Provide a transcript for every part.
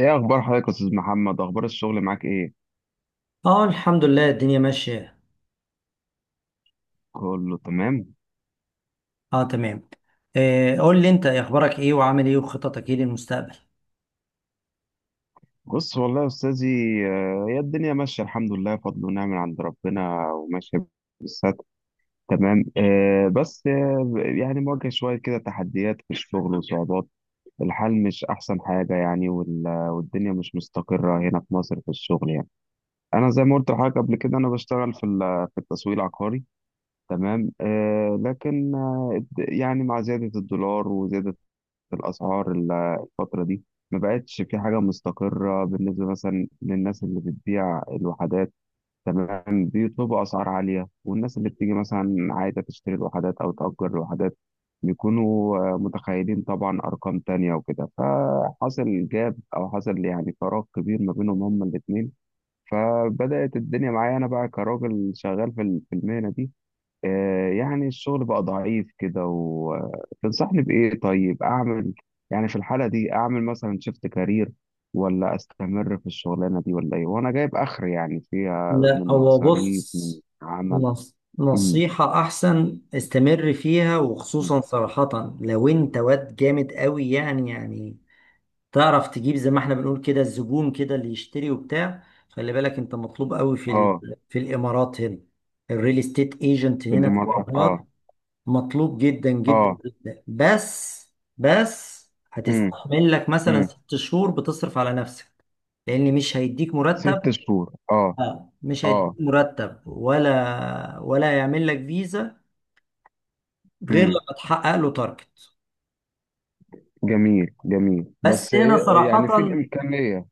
ايه اخبار حضرتك يا استاذ محمد؟ اخبار الشغل معاك ايه؟ اه، الحمد لله الدنيا ماشية. كله تمام؟ اه تمام. آه، قول لي انت إيه اخبارك، ايه وعامل ايه، وخططك ايه للمستقبل؟ بص والله يا استاذي، هي الدنيا ماشيه، الحمد لله، فضل ونعم من عند ربنا، وماشيه بالستر. تمام. بس، يعني مواجه شويه كده تحديات في الشغل وصعوبات. الحال مش احسن حاجه يعني، والدنيا مش مستقره هنا في مصر في الشغل يعني. انا زي ما قلت لحضرتك قبل كده، انا بشتغل في التسويق العقاري. تمام. لكن يعني مع زياده الدولار وزياده في الأسعار الفترة دي، ما بقتش في حاجة مستقرة بالنسبة مثلا للناس اللي بتبيع الوحدات. تمام. بيطلبوا أسعار عالية، والناس اللي بتيجي مثلا عايزة تشتري الوحدات أو تأجر الوحدات بيكونوا متخيلين طبعا أرقام تانية، وكده فحصل جاب أو حصل يعني فراغ كبير ما بينهم هما الاتنين. فبدأت الدنيا معايا أنا بقى كراجل شغال في المهنة دي. يعني الشغل بقى ضعيف كده. وتنصحني بإيه طيب أعمل؟ يعني في الحالة دي أعمل مثلا شيفت كارير، ولا أستمر في الشغلانة دي ولا إيه؟ وأنا جايب آخر يعني فيها لا، من هو مصاريف من بص، عمل. نص- امم. نصيحة احسن استمر فيها، وخصوصا صراحة لو انت واد جامد قوي، يعني تعرف تجيب زي ما احنا بنقول كده الزبون كده اللي يشتري وبتاع. خلي بالك انت مطلوب قوي آه. في الامارات هنا. الريل استيت ايجنت في هنا في الإمارات، الامارات آه. مطلوب جدا جدا آه. جدا. بس امم، هتستحمل لك مثلا امم. 6 شهور بتصرف على نفسك، لان مش هيديك مرتب. 6 شهور، آه. مش هيديك آه. مرتب ولا يعمل لك فيزا غير امم. لما تحقق له تارجت. جميل، جميل. بس بس هنا صراحة يعني في الإمكانية.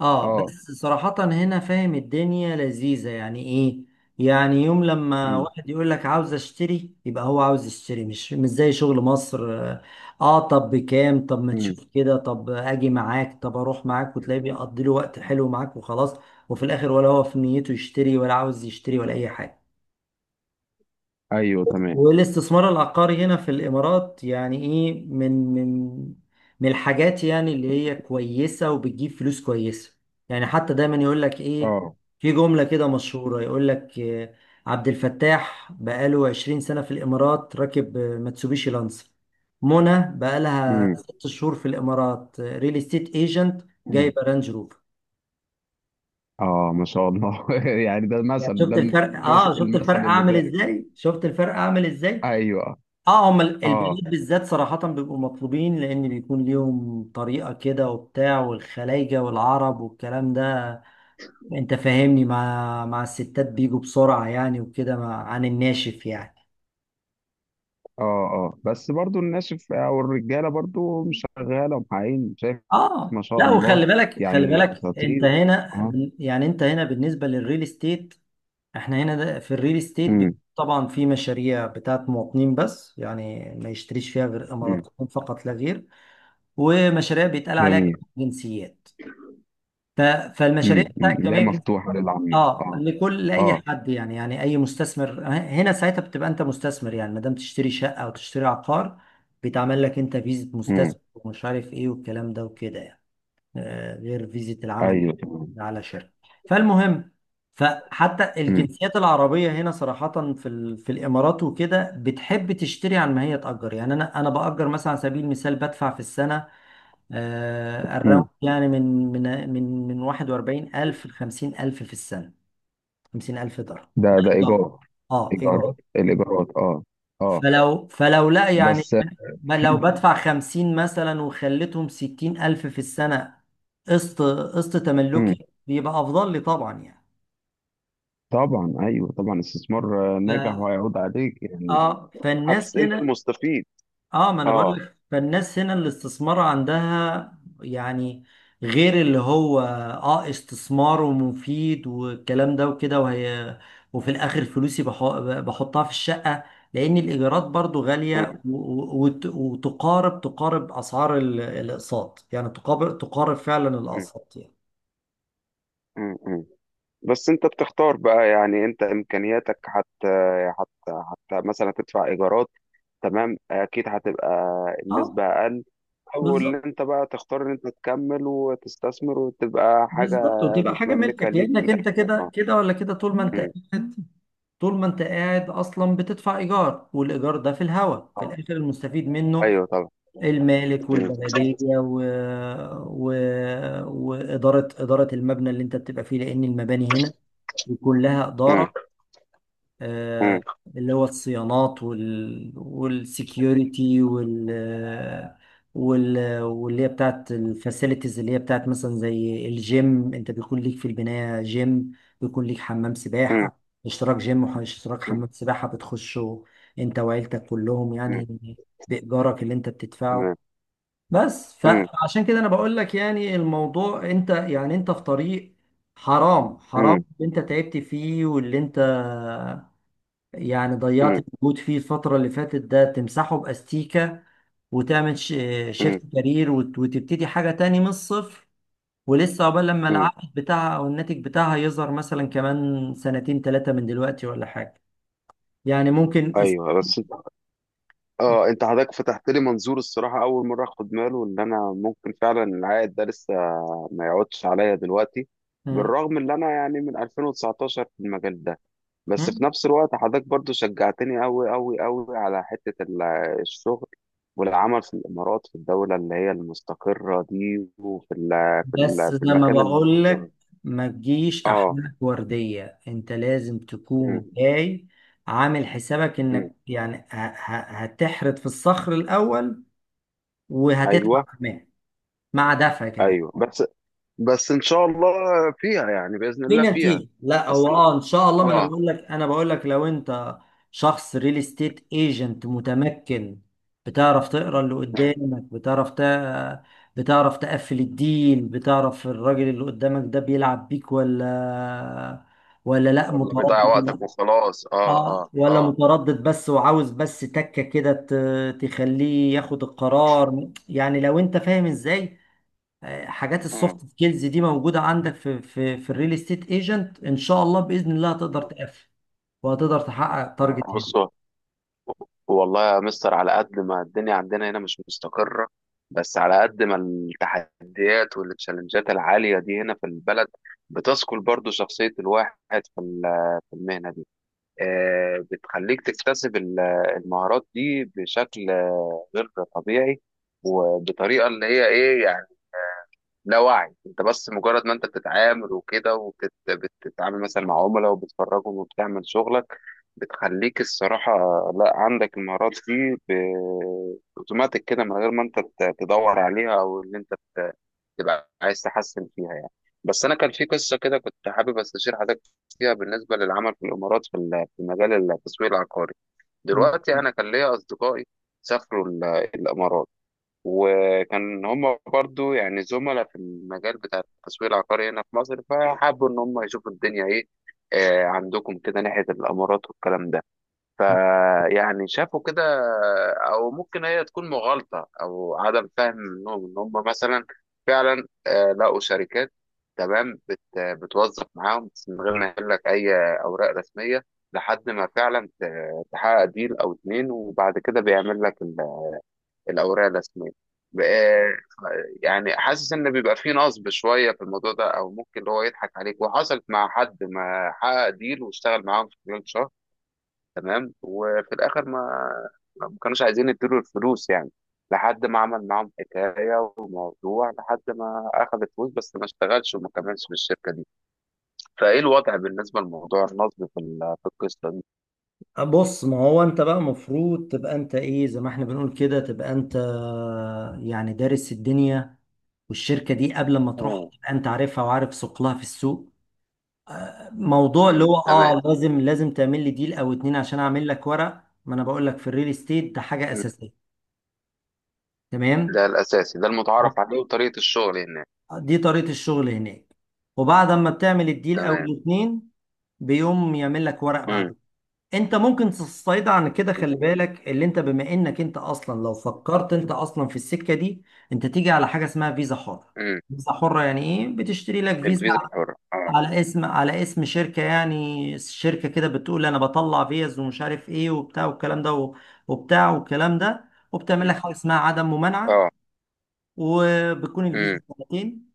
اه آه. بس صراحة هنا فاهم، الدنيا لذيذة يعني ايه. يعني يوم لما امم، واحد يقول لك عاوز اشتري يبقى هو عاوز يشتري، مش زي شغل مصر. اه. طب بكام، طب ما امم. تشوف كده، طب اجي معاك، طب اروح معاك، وتلاقيه بيقضي له وقت حلو معاك وخلاص. وفي الاخر، ولا هو في نيته يشتري، ولا عاوز يشتري، ولا اي حاجة. أيوه، تمام. والاستثمار العقاري هنا في الإمارات يعني إيه، من الحاجات يعني اللي هي كويسة وبتجيب فلوس كويسة. يعني حتى دايما يقول لك إيه، آه. في جملة كده مشهورة يقول لك: عبد الفتاح بقاله 20 سنة في الإمارات راكب ماتسوبيشي لانسر، منى بقالها امم. 6 شهور في الإمارات ريل استيت ايجنت جايبة رانج روفر. اه ما شاء الله يعني ده يعني المثل، شفت ده الفرق، المثل, اه شفت المثل الفرق اللي اعمل دارك. ازاي، شفت الفرق اعمل ازاي. ايوه. اه، هم اه. البنات بالذات صراحة بيبقوا مطلوبين، لأن بيكون ليهم طريقة كده وبتاع، والخلايجة والعرب والكلام ده. أنت فاهمني، مع الستات بيجوا بسرعة يعني وكده، عن الناشف يعني. اه. اه، بس برضو الناشف او الرجاله برضو مش شغاله ومحققين، شايف؟ اه، ما شاء لا، الله، وخلي بالك خلي يعني بالك، أنت اساطير. هنا اه. يعني أنت هنا بالنسبة للريل استيت. احنا هنا ده في الريل استيت، امم، طبعا في مشاريع بتاعت مواطنين، بس يعني ما يشتريش فيها غير امم. إماراتيين فقط لا غير. ومشاريع بيتقال عليها جميل. جنسيات، ف- فالمشاريع امم، امم. بتاعت لا، جميع. مفتوحه للعامه، اه، اه. لكل، لاي اه. حد يعني، يعني اي مستثمر، هنا ساعتها بتبقى انت مستثمر، يعني ما دام تشتري شقه او تشتري عقار، بيتعمل لك انت فيزا امم. مستثمر، ومش عارف ايه والكلام ده وكده يعني. غير فيزا العمل ايوه. على شركه. فالمهم، فحتى امم، الجنسيات العربيه هنا صراحه في الامارات وكده بتحب تشتري عن ما هي تاجر. يعني انا، باجر مثلا على سبيل المثال بدفع في السنه الراوند امم. يعني من 41,000 ل 50,000 في السنة. 50,000 درهم ده ده ده إيجار، ايجار؟ اه إيجار. ايجارات، الايجارات، اه. اه، فلو لا يعني، بس ما لو في. بدفع 50 مثلا وخليتهم 60,000 في السنة، قسط امم. تملكي بيبقى أفضل لي طبعا يعني. طبعا، ايوه، طبعا استثمار ناجح ف- وهيعود عليك يعني. اه فالناس انت هنا المستفيد. اه ما انا بقول اه. لك، فالناس هنا الاستثمار عندها يعني غير، اللي هو اه استثمار ومفيد والكلام ده وكده. وهي، وفي الاخر فلوسي بحطها في الشقة، لان الايجارات برضو مم. غالية. وتقارب اسعار الاقساط يعني، تقارب فعلا مم. الاقساط يعني. مم. مم. بس انت بتختار بقى يعني، انت امكانياتك حتى، حتى مثلا تدفع ايجارات، تمام، اكيد هتبقى اه، النسبة اقل. او بالظبط اللي انت بقى تختار ان انت تكمل وتستثمر وتبقى حاجة بالظبط، وتبقى حاجة متملكة ملكك، ليك في لانك انت الاخر، كده اه. كده ولا كده، مم. طول ما انت قاعد اصلا بتدفع ايجار، والايجار ده في الهوا، في اه، الاخر المستفيد منه ايوه، طبعا. المالك مم. والبلديه، و... واداره المبنى اللي انت بتبقى فيه، لان المباني هنا كلها مم. اداره. آه، اللي هو الصيانات، والسكيورتي، واللي هي بتاعت الفاسيلتيز، اللي هي بتاعت مثلا زي الجيم، انت بيكون ليك في البناية جيم، بيكون ليك حمام مم. سباحة، اشتراك جيم واشتراك مم. مم. حمام سباحة بتخشه انت وعيلتك كلهم مم. يعني، بإيجارك اللي انت تمام. بتدفعه. بس مم. فعشان كده انا بقول لك، يعني الموضوع انت، يعني انت في طريق، حرام مم. اللي انت تعبت فيه، واللي انت يعني ضيعت مم. المجهود فيه الفترة اللي فاتت، ده تمسحه بأستيكة وتعمل مم. شيفت كارير، وتبتدي حاجة تاني من الصفر، ولسه عقبال لما مم. العائد بتاعها أو الناتج بتاعها يظهر مثلا كمان سنتين ثلاثة من دلوقتي، ولا حاجة يعني. ممكن ايوه، بس اه، انت حضرتك فتحت لي منظور الصراحه، اول مره اخد باله ان انا ممكن فعلا العائد ده لسه ما يقعدش عليا دلوقتي، مم. بالرغم ان انا يعني من 2019 في المجال ده. بس في مم. نفس الوقت حضرتك برضو شجعتني أوي أوي أوي على حتة الشغل، والعمل في الإمارات في الدولة اللي هي المستقرة دي، وفي ال في بس ال في زي ما المكان بقول المنظم. لك، ما تجيش اه. أحمالك وردية، أنت لازم تكون م- جاي عامل حسابك م. إنك يعني هتحرد في الصخر الأول، وهتدفع ايوه. كمان، مع دفع كمان، ايوه، بس ان شاء الله فيها، يعني باذن في الله فيها. نتيجة. لا، هو اصل انا، اه ان شاء الله، ما انا اه. بقول لك انا بقول لك لو انت شخص ريل استيت ايجنت متمكن، بتعرف تقرا اللي إمم. قدامك، بتعرف تقفل الديل، بتعرف الراجل اللي قدامك ده بيلعب بيك ولا لا ولا بيضيع متردد، وقتك ولا، وخلاص، اه. اه. اه، ولا اه. متردد بس، وعاوز بس تكة كده تخليه ياخد القرار، يعني لو انت فاهم ازاي. حاجات السوفت مم. سكيلز دي موجوده عندك في الريل استيت ايجنت، ان شاء الله باذن الله هتقدر مم. تقفل، وهتقدر تحقق مم. تارجت هنا. بصوا، والله يا مستر، على قد ما الدنيا عندنا هنا مش مستقرة، بس على قد ما التحديات والتشالنجات العالية دي هنا في البلد، بتثقل برضو شخصية الواحد في المهنة دي. بتخليك تكتسب المهارات دي بشكل غير طبيعي، وبطريقة اللي هي ايه. لا وعي، انت بس مجرد ما انت بتتعامل وكده، وبتتعامل مثلا مع عملاء وبتفرجهم وبتعمل شغلك، بتخليك الصراحة لا عندك المهارات دي اوتوماتيك كده، من غير ما انت تدور عليها او ان انت تبقى عايز تحسن فيها يعني. بس انا كان في قصة كده كنت حابب استشير حضرتك فيها بالنسبة للعمل في الامارات في مجال التسويق العقاري. دلوقتي انا كان ليا اصدقائي سافروا الامارات، وكان هم برضو يعني زملاء في المجال بتاع التسويق العقاري هنا في مصر، فحبوا ان هم يشوفوا الدنيا ايه عندكم كده ناحية الامارات والكلام ده. فيعني شافوا كده، او ممكن هي تكون مغالطة او عدم فهم منهم، ان هم مثلا فعلا لقوا شركات، تمام، بتوظف معاهم بس من غير ما يقول لك اي اوراق رسمية، لحد ما فعلا تحقق ديل او اتنين، وبعد كده بيعمل لك الأوراق الرسمية. ب- آه، يعني حاسس إن بيبقى فيه نصب شوية في الموضوع ده، أو ممكن اللي هو يضحك عليك. وحصلت مع حد ما حقق ديل واشتغل معاهم في خلال شهر، تمام، وفي الآخر ما كانوش عايزين يديله الفلوس يعني، لحد ما عمل معاهم حكاية وموضوع، لحد ما أخذ الفلوس بس ما اشتغلش وما كملش في الشركة دي. فإيه الوضع بالنسبة لموضوع النصب في القصة دي؟ بص، ما هو انت بقى مفروض تبقى انت ايه، زي ما احنا بنقول كده، تبقى انت يعني دارس الدنيا والشركة دي قبل ما تروح، مم. تبقى انت عارفها وعارف ثقلها في السوق. موضوع اللي مم. هو تمام. اه، لازم تعمل لي ديل او اتنين عشان اعمل لك ورق، ما انا بقول لك، في الريل استيت ده حاجة مم. اساسية. تمام، ده الأساسي، ده المتعارف عليه، وطريقة الشغل هناك. دي طريقة الشغل هناك. وبعد ما بتعمل الديل او تمام. الاتنين، بيقوم يعمل لك ورق مم. بعده. انت ممكن تستعيد عن كده، خلي امم. بالك اللي انت، بما انك انت اصلا لو فكرت انت اصلا في السكة دي، انت تيجي على حاجة اسمها فيزا حرة. فيزا حرة يعني ايه، بتشتري لك فيزا الفيزا الحرة، اه. على اسم شركة، يعني شركة كده بتقول انا بطلع فيز ومش عارف ايه وبتاع والكلام ده، وبتاع والكلام ده وبتعمل امم. لك حاجة اسمها عدم ممانعة. اه. وبتكون الفيزا امم. سنتين،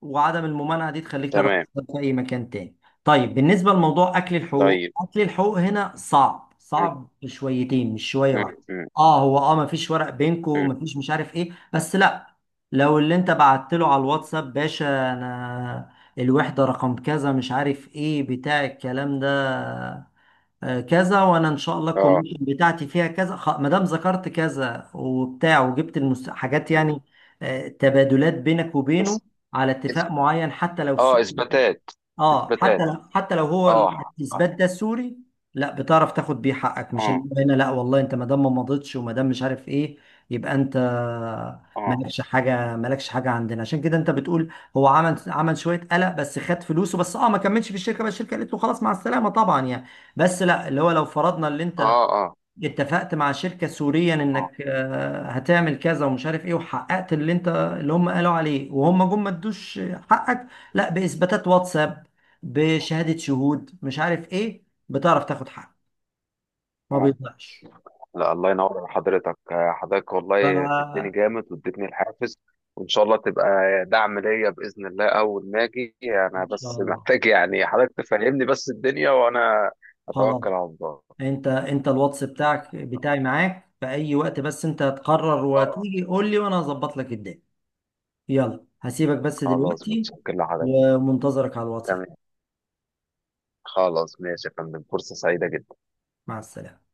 وعدم الممانعة دي تخليك تعرف تمام. تشتغل في أي مكان تاني. طيب بالنسبة لموضوع أكل الحقوق، طيب. أكل الحقوق هنا صعب امم. صعب شويتين، مش شوية واحدة. امم. اه، هو اه، مفيش ورق بينكو، امم. مفيش، مش عارف ايه، بس لا. لو اللي انت بعت له على الواتساب: باشا، انا الوحدة رقم كذا، مش عارف ايه بتاع الكلام ده، كذا، وانا ان شاء الله اه. الكوميشن بتاعتي فيها كذا، ما دام ذكرت كذا وبتاع وجبت حاجات امم. يعني، تبادلات بينك وبينه بس على إث- اتفاق معين، حتى لو اه، سوء، اثباتات، اه، اثباتات. حتى لو هو اه. اه. الاثبات ده السوري، لا بتعرف تاخد بيه حقك. مش اه. اللي هو هنا لا والله، انت ما دام ما مضيتش وما دام مش عارف ايه، يبقى انت اه. مالكش حاجه عندنا. عشان كده انت بتقول هو عمل شويه قلق، بس خد فلوسه، بس اه ما كملش في الشركه، بس الشركه قالت له خلاص مع السلامه طبعا يعني. بس لا، اللي هو لو فرضنا اللي انت اه. اه. اتفقت مع شركة سوريا اه. انك هتعمل كذا ومش عارف ايه، وحققت اللي انت اللي هم قالوا عليه، وهم جم ما ادوش حقك، لا بإثباتات واتساب، بشهادة شهود مش عارف ايه، بتعرف تاخد حقك، ما آه. بيضيعش. لا، الله ينور على حضرتك، حضرتك والله فدتني ف جامد، واديتني الحافز، وان شاء الله تبقى دعم ليا باذن الله. اول ما اجي انا ان شاء بس الله. محتاج يعني حضرتك تفهمني بس الدنيا، وانا خلاص، اتوكل على الله. انت الواتس بتاعك بتاعي معاك في اي وقت، بس انت هتقرر اه. وتيجي قول لي وانا هظبط لك الدنيا. يلا هسيبك بس خلاص، دلوقتي، متشكر لحضرتك. ومنتظرك على الواتساب. تمام. خلاص، ماشي يا فندم. فرصة سعيدة جدا. مع السلامة.